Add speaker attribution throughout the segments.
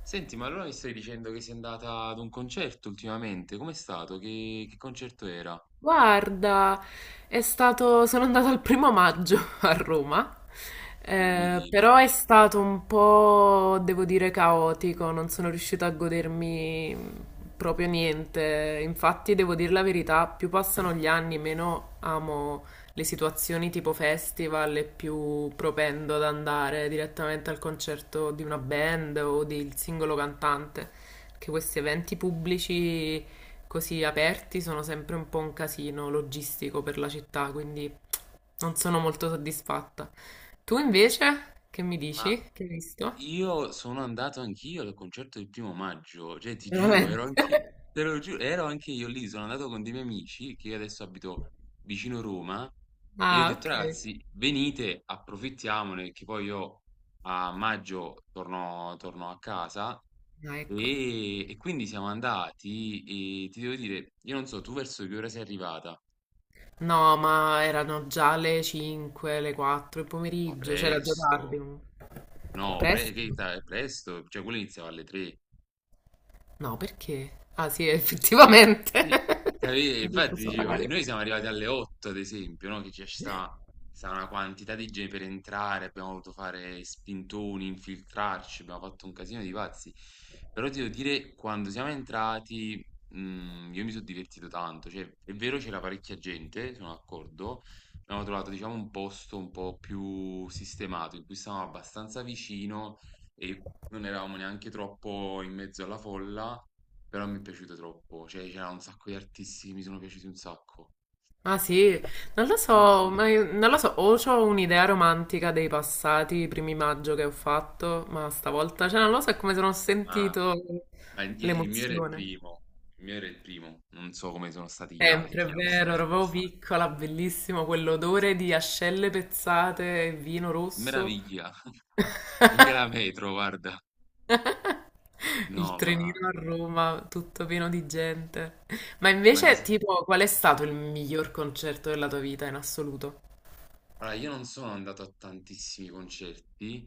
Speaker 1: Senti, ma allora mi stai dicendo che sei andata ad un concerto ultimamente? Com'è stato? Che concerto era?
Speaker 2: Guarda, è stato, sono andata il primo maggio a Roma,
Speaker 1: Non mi dire.
Speaker 2: però è stato un po', devo dire, caotico, non sono riuscita a godermi proprio niente. Infatti, devo dire la verità, più passano gli anni, meno amo le situazioni tipo festival e più propendo ad andare direttamente al concerto di una band o del singolo cantante, che questi eventi pubblici così aperti sono sempre un po' un casino logistico per la città, quindi non sono molto soddisfatta. Tu invece, che mi
Speaker 1: Ma
Speaker 2: dici? Che hai visto?
Speaker 1: Io sono andato anch'io al concerto del primo maggio, cioè ti giuro,
Speaker 2: Veramente?
Speaker 1: te lo giuro, ero anche io lì, sono andato con dei miei amici che io adesso abito vicino Roma e io ho
Speaker 2: Ah,
Speaker 1: detto
Speaker 2: ok.
Speaker 1: ragazzi, venite, approfittiamone, che poi io a maggio torno a casa
Speaker 2: Ah, ecco.
Speaker 1: e quindi siamo andati e ti devo dire, io non so, tu verso che ora sei arrivata?
Speaker 2: No, ma erano già le 5, le 4 del
Speaker 1: Ma
Speaker 2: pomeriggio, c'era già tardi.
Speaker 1: presto, no,
Speaker 2: Presto?
Speaker 1: è presto, cioè quello iniziava alle tre.
Speaker 2: No, perché? Ah, sì, effettivamente.
Speaker 1: Sì, infatti,
Speaker 2: Fuso
Speaker 1: dicevo,
Speaker 2: orario.
Speaker 1: noi siamo arrivati alle 8, ad esempio, no? Che ci sta, una quantità di gente per entrare, abbiamo dovuto fare spintoni, infiltrarci, abbiamo fatto un casino di pazzi. Però ti devo dire, quando siamo entrati, io mi sono divertito tanto. Cioè, è vero, c'era parecchia gente, sono d'accordo. Abbiamo trovato, diciamo, un posto un po' più sistemato, in cui stavamo abbastanza vicino e non eravamo neanche troppo in mezzo alla folla, però mi è piaciuto troppo, cioè c'era un sacco di artisti che mi sono piaciuti un sacco.
Speaker 2: Ah sì, non lo
Speaker 1: Sì,
Speaker 2: so,
Speaker 1: sì.
Speaker 2: ma non lo so, o ho un'idea romantica dei passati primi maggio che ho fatto, ma stavolta, cioè non lo so, è come se non ho
Speaker 1: Ma,
Speaker 2: sentito
Speaker 1: ma il mio era il
Speaker 2: l'emozione.
Speaker 1: primo, il mio era il primo, non so come sono stati gli
Speaker 2: Sempre, è
Speaker 1: altri,
Speaker 2: vero, ero
Speaker 1: onestamente.
Speaker 2: proprio piccola, bellissimo, quell'odore di ascelle pezzate e vino
Speaker 1: Che
Speaker 2: rosso,
Speaker 1: meraviglia! Anche la metro, guarda.
Speaker 2: il
Speaker 1: No,
Speaker 2: trenino a Roma, tutto pieno di gente. Ma
Speaker 1: ma ad
Speaker 2: invece,
Speaker 1: esempio-
Speaker 2: tipo, qual è stato il miglior concerto della tua vita in assoluto?
Speaker 1: Allora, io non sono andato a tantissimi concerti,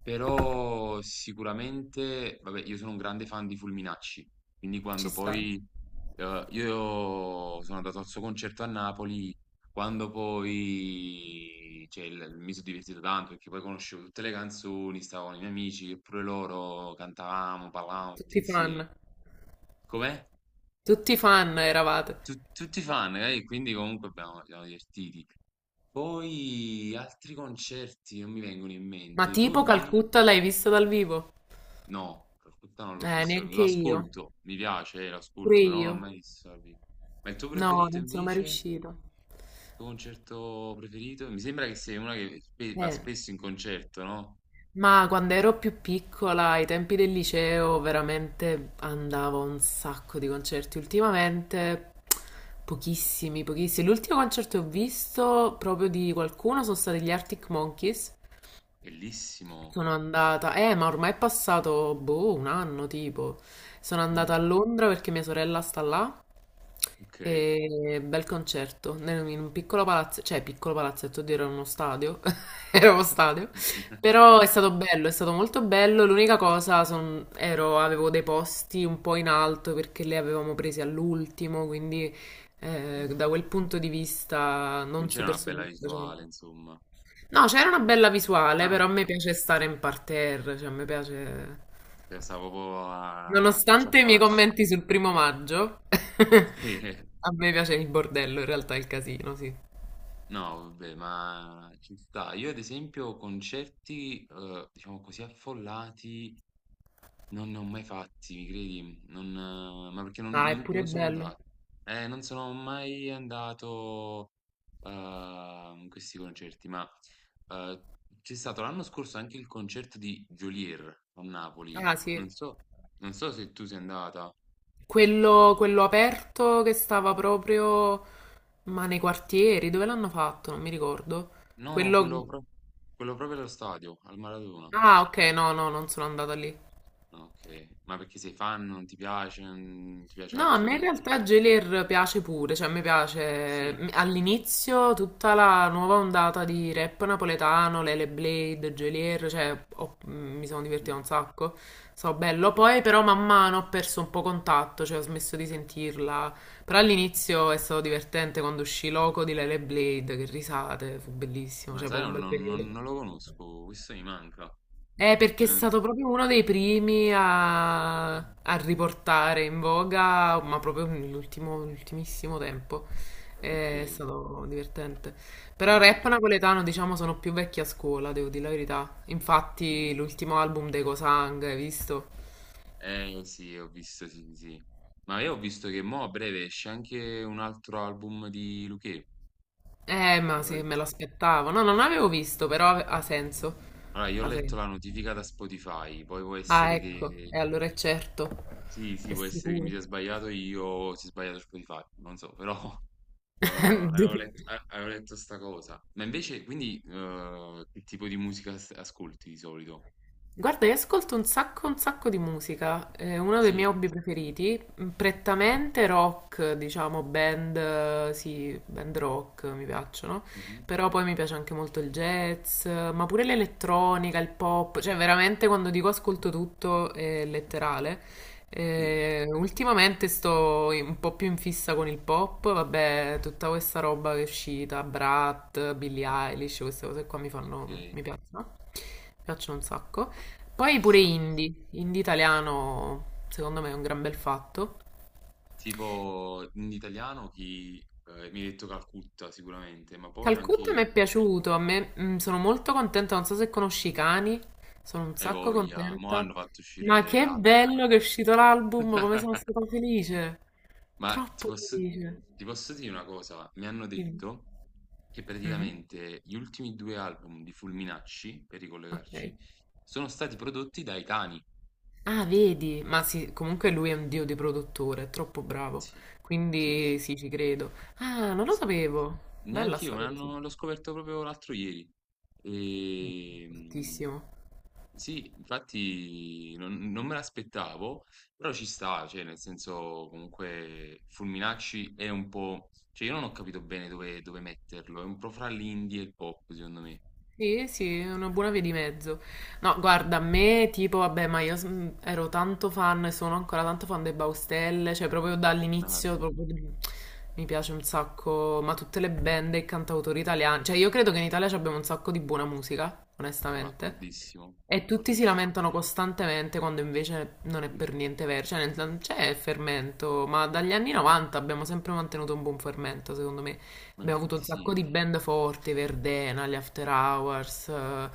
Speaker 1: però sicuramente, vabbè, io sono un grande fan di Fulminacci, quindi
Speaker 2: Ci
Speaker 1: quando
Speaker 2: sta,
Speaker 1: poi io sono andato al suo concerto a Napoli, quando poi mi sono divertito tanto perché poi conoscevo tutte le canzoni, stavo con i miei amici, e pure loro cantavamo, parlavamo tutti
Speaker 2: tutti
Speaker 1: insieme.
Speaker 2: fan.
Speaker 1: Com'è?
Speaker 2: Tutti fan eravate.
Speaker 1: Tutti fan, eh? Quindi comunque ci siamo divertiti. Poi altri concerti non mi vengono in
Speaker 2: Ma
Speaker 1: mente. Tu
Speaker 2: tipo
Speaker 1: invece?
Speaker 2: Calcutta l'hai vista dal vivo?
Speaker 1: No, Rocutta non l'ho visto.
Speaker 2: Neanche
Speaker 1: Lo
Speaker 2: io.
Speaker 1: ascolto, mi piace, lo
Speaker 2: Pure
Speaker 1: ascolto, però non l'ho
Speaker 2: io.
Speaker 1: mai visto dal vivo. Ma il tuo
Speaker 2: No,
Speaker 1: preferito
Speaker 2: non sono mai
Speaker 1: invece? Il
Speaker 2: riuscita.
Speaker 1: tuo concerto preferito? Mi sembra che sei una che va
Speaker 2: Eh,
Speaker 1: spesso in concerto, no?
Speaker 2: ma quando ero più piccola, ai tempi del liceo, veramente andavo a un sacco di concerti. Ultimamente pochissimi, pochissimi. L'ultimo concerto che ho visto proprio di qualcuno sono stati gli Arctic Monkeys.
Speaker 1: Bellissimo.
Speaker 2: Sono andata, ma ormai è passato, boh, un anno tipo. Sono
Speaker 1: Mm,
Speaker 2: andata a Londra perché mia sorella sta là.
Speaker 1: ok.
Speaker 2: E bel concerto in un piccolo palazzo, cioè piccolo palazzetto, oddio, era uno stadio, era uno stadio, però è
Speaker 1: Eh,
Speaker 2: stato bello, è stato molto bello. L'unica cosa, avevo dei posti un po' in alto perché li avevamo presi all'ultimo, quindi da quel punto di vista
Speaker 1: non
Speaker 2: non
Speaker 1: c'era una
Speaker 2: super
Speaker 1: bella visuale,
Speaker 2: soddisfacente.
Speaker 1: insomma.
Speaker 2: No, c'era una bella visuale,
Speaker 1: Ah,
Speaker 2: però a me piace stare in parterre, cioè a me piace.
Speaker 1: stavo proprio a faccia a
Speaker 2: Nonostante i miei
Speaker 1: faccia.
Speaker 2: commenti sul primo maggio,
Speaker 1: Sì.
Speaker 2: a me piace il bordello, in realtà il casino, sì.
Speaker 1: No, vabbè, ma ci sta. Io ad esempio concerti, diciamo così, affollati non ne ho mai fatti, mi credi? Non, ma perché
Speaker 2: Ah, è pure
Speaker 1: non sono
Speaker 2: bello.
Speaker 1: andato. Non sono mai andato in questi concerti, ma eh, c'è stato l'anno scorso anche il concerto di Geolier a Napoli.
Speaker 2: Ah, sì.
Speaker 1: Non so, non so se tu sei andata.
Speaker 2: Quello aperto che stava proprio, ma nei quartieri, dove l'hanno fatto? Non mi ricordo.
Speaker 1: No,
Speaker 2: Quello...
Speaker 1: quello, pro- Quello proprio allo stadio, al Maradona.
Speaker 2: Ah, ok, no, no, non sono andata lì.
Speaker 1: Ok, ma perché sei fan, non ti piace, non ti piace
Speaker 2: No, a me in realtà
Speaker 1: tipi di...
Speaker 2: Gelir piace pure, cioè a me piace
Speaker 1: Sì,
Speaker 2: all'inizio tutta la nuova ondata di rap napoletano, Lele Blade, Gelir, cioè mi sono divertita
Speaker 1: mhm.
Speaker 2: un sacco, so bello, poi però man mano ho perso un po' contatto, cioè ho smesso di sentirla, però all'inizio è stato divertente quando uscì Loco di Lele Blade, che risate, fu bellissimo,
Speaker 1: Ma
Speaker 2: cioè
Speaker 1: sai,
Speaker 2: proprio un bel periodo.
Speaker 1: non lo conosco, questo mi manca.
Speaker 2: Perché è
Speaker 1: Eh,
Speaker 2: stato proprio uno dei primi a,
Speaker 1: eh,
Speaker 2: a riportare in voga, ma proprio nell'ultimo, nell'ultimissimo tempo.
Speaker 1: ok,
Speaker 2: È stato divertente. Però
Speaker 1: ah,
Speaker 2: rap napoletano, diciamo, sono più vecchi a scuola, devo dire la verità. Infatti,
Speaker 1: sì.
Speaker 2: l'ultimo album dei Cosang, hai visto?
Speaker 1: Eh sì, ho visto, sì, sì. Ma io ho visto che mo a breve esce anche un altro album di Luchè.
Speaker 2: Ma
Speaker 1: Allora,
Speaker 2: sì, me l'aspettavo. No, non l'avevo visto, però ha senso.
Speaker 1: allora, io ho
Speaker 2: Ha
Speaker 1: letto la
Speaker 2: senso.
Speaker 1: notifica da Spotify, poi può
Speaker 2: Ah,
Speaker 1: essere
Speaker 2: ecco,
Speaker 1: che...
Speaker 2: e allora è certo,
Speaker 1: Sì, sì,
Speaker 2: è
Speaker 1: può essere che mi
Speaker 2: sicuro.
Speaker 1: sia sbagliato io, o si è sbagliato Spotify, non so, però... Eh, avevo letto, eh, avevo letto sta cosa. Ma invece, quindi, che tipo di musica ascolti di solito?
Speaker 2: Guarda, io ascolto un sacco di musica, è uno dei miei
Speaker 1: Sì,
Speaker 2: hobby preferiti, prettamente rock, diciamo, band, sì, band rock mi piacciono,
Speaker 1: mhm,
Speaker 2: però poi mi piace anche molto il jazz, ma pure l'elettronica, il pop, cioè veramente quando dico ascolto tutto è letterale.
Speaker 1: sì,
Speaker 2: Ultimamente sto un po' più in fissa con il pop, vabbè, tutta questa roba che è uscita, Brat, Billie Eilish, queste cose qua mi fanno,
Speaker 1: ok,
Speaker 2: mi piacciono un sacco. Poi
Speaker 1: ci
Speaker 2: pure
Speaker 1: sta.
Speaker 2: indie, indie italiano, secondo me è un gran bel fatto.
Speaker 1: Tipo, in italiano chi mi hai detto Calcutta sicuramente, ma poi
Speaker 2: Calcutta
Speaker 1: anche...
Speaker 2: mi è piaciuto, a me sono molto contenta, non so se conosci i cani, sono un
Speaker 1: Hai
Speaker 2: sacco
Speaker 1: voglia, mo
Speaker 2: contenta.
Speaker 1: hanno fatto
Speaker 2: Ma
Speaker 1: uscire
Speaker 2: che
Speaker 1: l'album.
Speaker 2: bello che è uscito l'album, come sono stata felice,
Speaker 1: Ma ti
Speaker 2: troppo
Speaker 1: posso,
Speaker 2: felice.
Speaker 1: ti posso dire una cosa, mi hanno
Speaker 2: Dimmi.
Speaker 1: detto che
Speaker 2: Mhm.
Speaker 1: praticamente gli ultimi due album di Fulminacci, per
Speaker 2: Ok.
Speaker 1: ricollegarci, sono stati prodotti dai cani.
Speaker 2: Ah, vedi, ma sì, comunque lui è un dio di produttore, è troppo bravo,
Speaker 1: Sì, sì, sì,
Speaker 2: quindi
Speaker 1: sì,
Speaker 2: sì, ci credo. Ah, non lo
Speaker 1: sì.
Speaker 2: sapevo, bella
Speaker 1: Neanch'io,
Speaker 2: sta cosa.
Speaker 1: l'ho scoperto proprio l'altro ieri. Ehm,
Speaker 2: Bruttissimo.
Speaker 1: sì, infatti non me l'aspettavo, però ci sta, cioè, nel senso, comunque, Fulminacci è un po'... Cioè, io non ho capito bene dove metterlo, è un po' fra l'indie e il pop, secondo me.
Speaker 2: Sì, sì, è una buona via di mezzo. No, guarda, a me tipo, vabbè, ma io ero tanto fan e sono ancora tanto fan dei Baustelle, cioè proprio
Speaker 1: No, vabbè,
Speaker 2: dall'inizio proprio mi piace un sacco, ma tutte le band e i cantautori italiani, cioè io credo che in Italia ci abbiamo un sacco di buona musica,
Speaker 1: sono
Speaker 2: onestamente.
Speaker 1: d'accordissimo,
Speaker 2: E tutti si
Speaker 1: d'accordissimo.
Speaker 2: lamentano costantemente quando invece non è per niente vero, cioè non c'è fermento, ma dagli anni 90 abbiamo sempre mantenuto un buon fermento, secondo me.
Speaker 1: Ma
Speaker 2: Abbiamo avuto un
Speaker 1: infatti
Speaker 2: sacco di
Speaker 1: sì,
Speaker 2: band forti, Verdena, gli After Hours,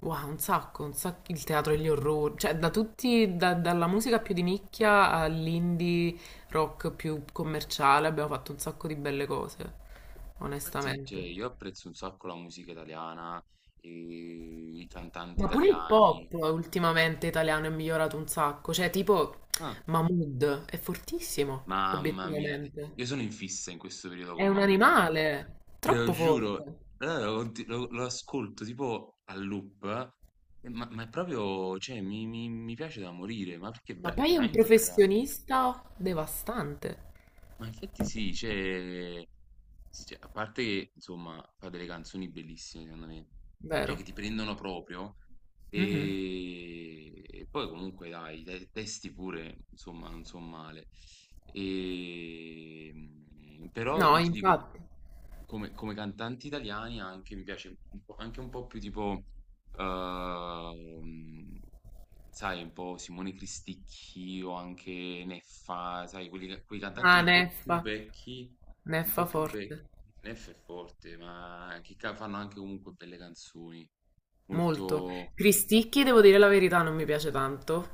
Speaker 2: wow, un sacco, il teatro degli orrori, cioè da tutti, dalla musica più di nicchia all'indie rock più commerciale abbiamo fatto un sacco di belle cose,
Speaker 1: ma infatti, cioè,
Speaker 2: onestamente.
Speaker 1: io apprezzo un sacco la musica italiana, e i cantanti
Speaker 2: Ma pure il
Speaker 1: italiani.
Speaker 2: pop ultimamente italiano è migliorato un sacco, cioè tipo
Speaker 1: Ah,
Speaker 2: Mahmood è fortissimo,
Speaker 1: mamma mia,
Speaker 2: obiettivamente.
Speaker 1: io sono in fissa in questo periodo
Speaker 2: È
Speaker 1: con
Speaker 2: un
Speaker 1: Mahmood, sì.
Speaker 2: animale,
Speaker 1: Te lo
Speaker 2: troppo
Speaker 1: giuro.
Speaker 2: forte,
Speaker 1: Allora lo ascolto tipo a loop, ma è proprio, cioè, mi piace da morire, ma perché è,
Speaker 2: ma
Speaker 1: è
Speaker 2: poi è un
Speaker 1: veramente bravo.
Speaker 2: professionista devastante,
Speaker 1: Ma infatti sì, cioè, a parte che insomma fa delle canzoni bellissime secondo me, cioè
Speaker 2: vero?
Speaker 1: che ti prendono proprio
Speaker 2: Mhm.
Speaker 1: e poi comunque dai, i testi pure insomma non sono male. E, mm, però
Speaker 2: No,
Speaker 1: io ti dico,
Speaker 2: infatti.
Speaker 1: come cantanti italiani anche mi piace un po', anche un po' più tipo, ehm, sai, un po' Simone Cristicchi o anche Neffa, sai, quei cantanti
Speaker 2: Ah,
Speaker 1: un po' più
Speaker 2: Neffa,
Speaker 1: vecchi, un
Speaker 2: Neffa
Speaker 1: po' più vecchi.
Speaker 2: forte.
Speaker 1: Neffa è forte, ma fanno anche comunque belle canzoni.
Speaker 2: Molto.
Speaker 1: Molto...
Speaker 2: Cristicchi, devo dire la verità, non mi piace tanto,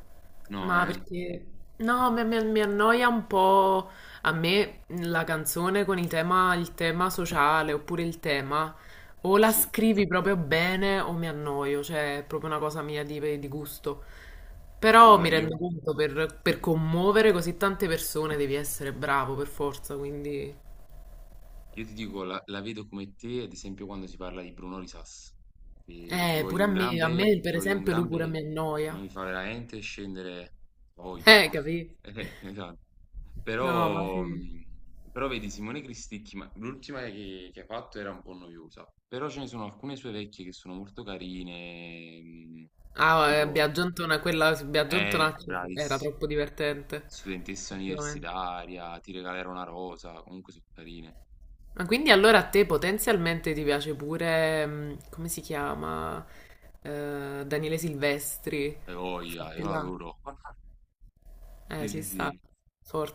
Speaker 1: No,
Speaker 2: ma
Speaker 1: eh?
Speaker 2: perché... No, mi annoia un po' a
Speaker 1: Eh,
Speaker 2: me la canzone con il tema sociale oppure il tema, o la
Speaker 1: Sì.
Speaker 2: scrivi proprio bene o mi annoio, cioè è proprio una cosa mia di, gusto. Però
Speaker 1: Allora
Speaker 2: mi
Speaker 1: io...
Speaker 2: rendo conto, per,
Speaker 1: sì,
Speaker 2: per
Speaker 1: sì.
Speaker 2: commuovere così tante persone devi essere bravo per forza, quindi...
Speaker 1: Io ti dico, la vedo come te, ad esempio, quando si parla di Bruno Risas, che gli voglio
Speaker 2: Pure a
Speaker 1: un
Speaker 2: me,
Speaker 1: gran
Speaker 2: a
Speaker 1: bene,
Speaker 2: me
Speaker 1: gli
Speaker 2: per
Speaker 1: voglio un
Speaker 2: esempio
Speaker 1: gran
Speaker 2: lui pure
Speaker 1: bene,
Speaker 2: mi
Speaker 1: ma
Speaker 2: annoia.
Speaker 1: mi fa veramente scendere la voglia.
Speaker 2: Capì?
Speaker 1: Esatto.
Speaker 2: No, ma
Speaker 1: Però,
Speaker 2: sì.
Speaker 1: però vedi, Simone Cristicchi, ma l'ultima che ha fatto era un po' noiosa, però ce ne sono alcune sue vecchie che sono molto carine,
Speaker 2: Ah,
Speaker 1: tipo,
Speaker 2: Biagiontona, quella su Biagiontonacci era
Speaker 1: bravissima,
Speaker 2: troppo divertente,
Speaker 1: studentessa
Speaker 2: effettivamente.
Speaker 1: universitaria, ti regalerò una rosa, comunque sono carine.
Speaker 2: Ma quindi allora a te potenzialmente ti piace pure, come si chiama, Daniele Silvestri,
Speaker 1: Hai
Speaker 2: quel
Speaker 1: voglia,
Speaker 2: fatto
Speaker 1: io
Speaker 2: là.
Speaker 1: adoro. Sì, sì,
Speaker 2: Ci sta,
Speaker 1: sì,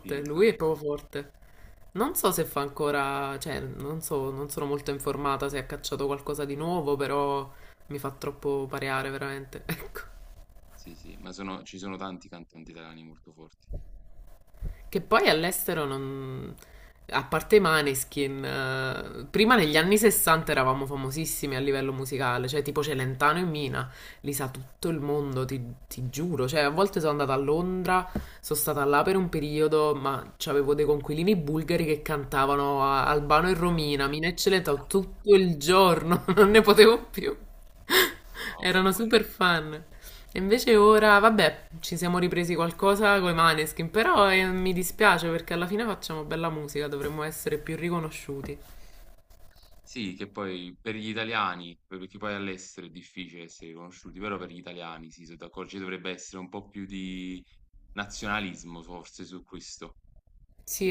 Speaker 1: sì,
Speaker 2: lui è
Speaker 1: infatti.
Speaker 2: proprio forte. Non so se fa ancora, cioè, non so, non sono molto informata se ha cacciato qualcosa di nuovo, però mi fa troppo pareare, veramente, ecco.
Speaker 1: Sì, sì, ma ci sono tanti cantanti italiani molto forti.
Speaker 2: Che poi all'estero non... A parte i Maneskin, prima negli anni 60 eravamo famosissimi a livello musicale, cioè tipo Celentano e Mina, li sa tutto il mondo, ti giuro. Cioè, a volte sono andata a Londra, sono stata là per un periodo, ma avevo dei conquilini bulgari che cantavano Albano e Romina, Mina e Celentano tutto il giorno, non ne potevo più.
Speaker 1: Ah,
Speaker 2: Erano
Speaker 1: vabbè.
Speaker 2: super fan. E invece ora, vabbè, ci siamo ripresi qualcosa con i Maneskin, però mi dispiace perché alla fine facciamo bella musica, dovremmo essere più riconosciuti.
Speaker 1: Sì, che poi per gli italiani, perché poi all'estero è difficile essere riconosciuti, però per gli italiani, sì, sono d'accordo, ci dovrebbe essere un po' più di nazionalismo forse su questo.
Speaker 2: Sì,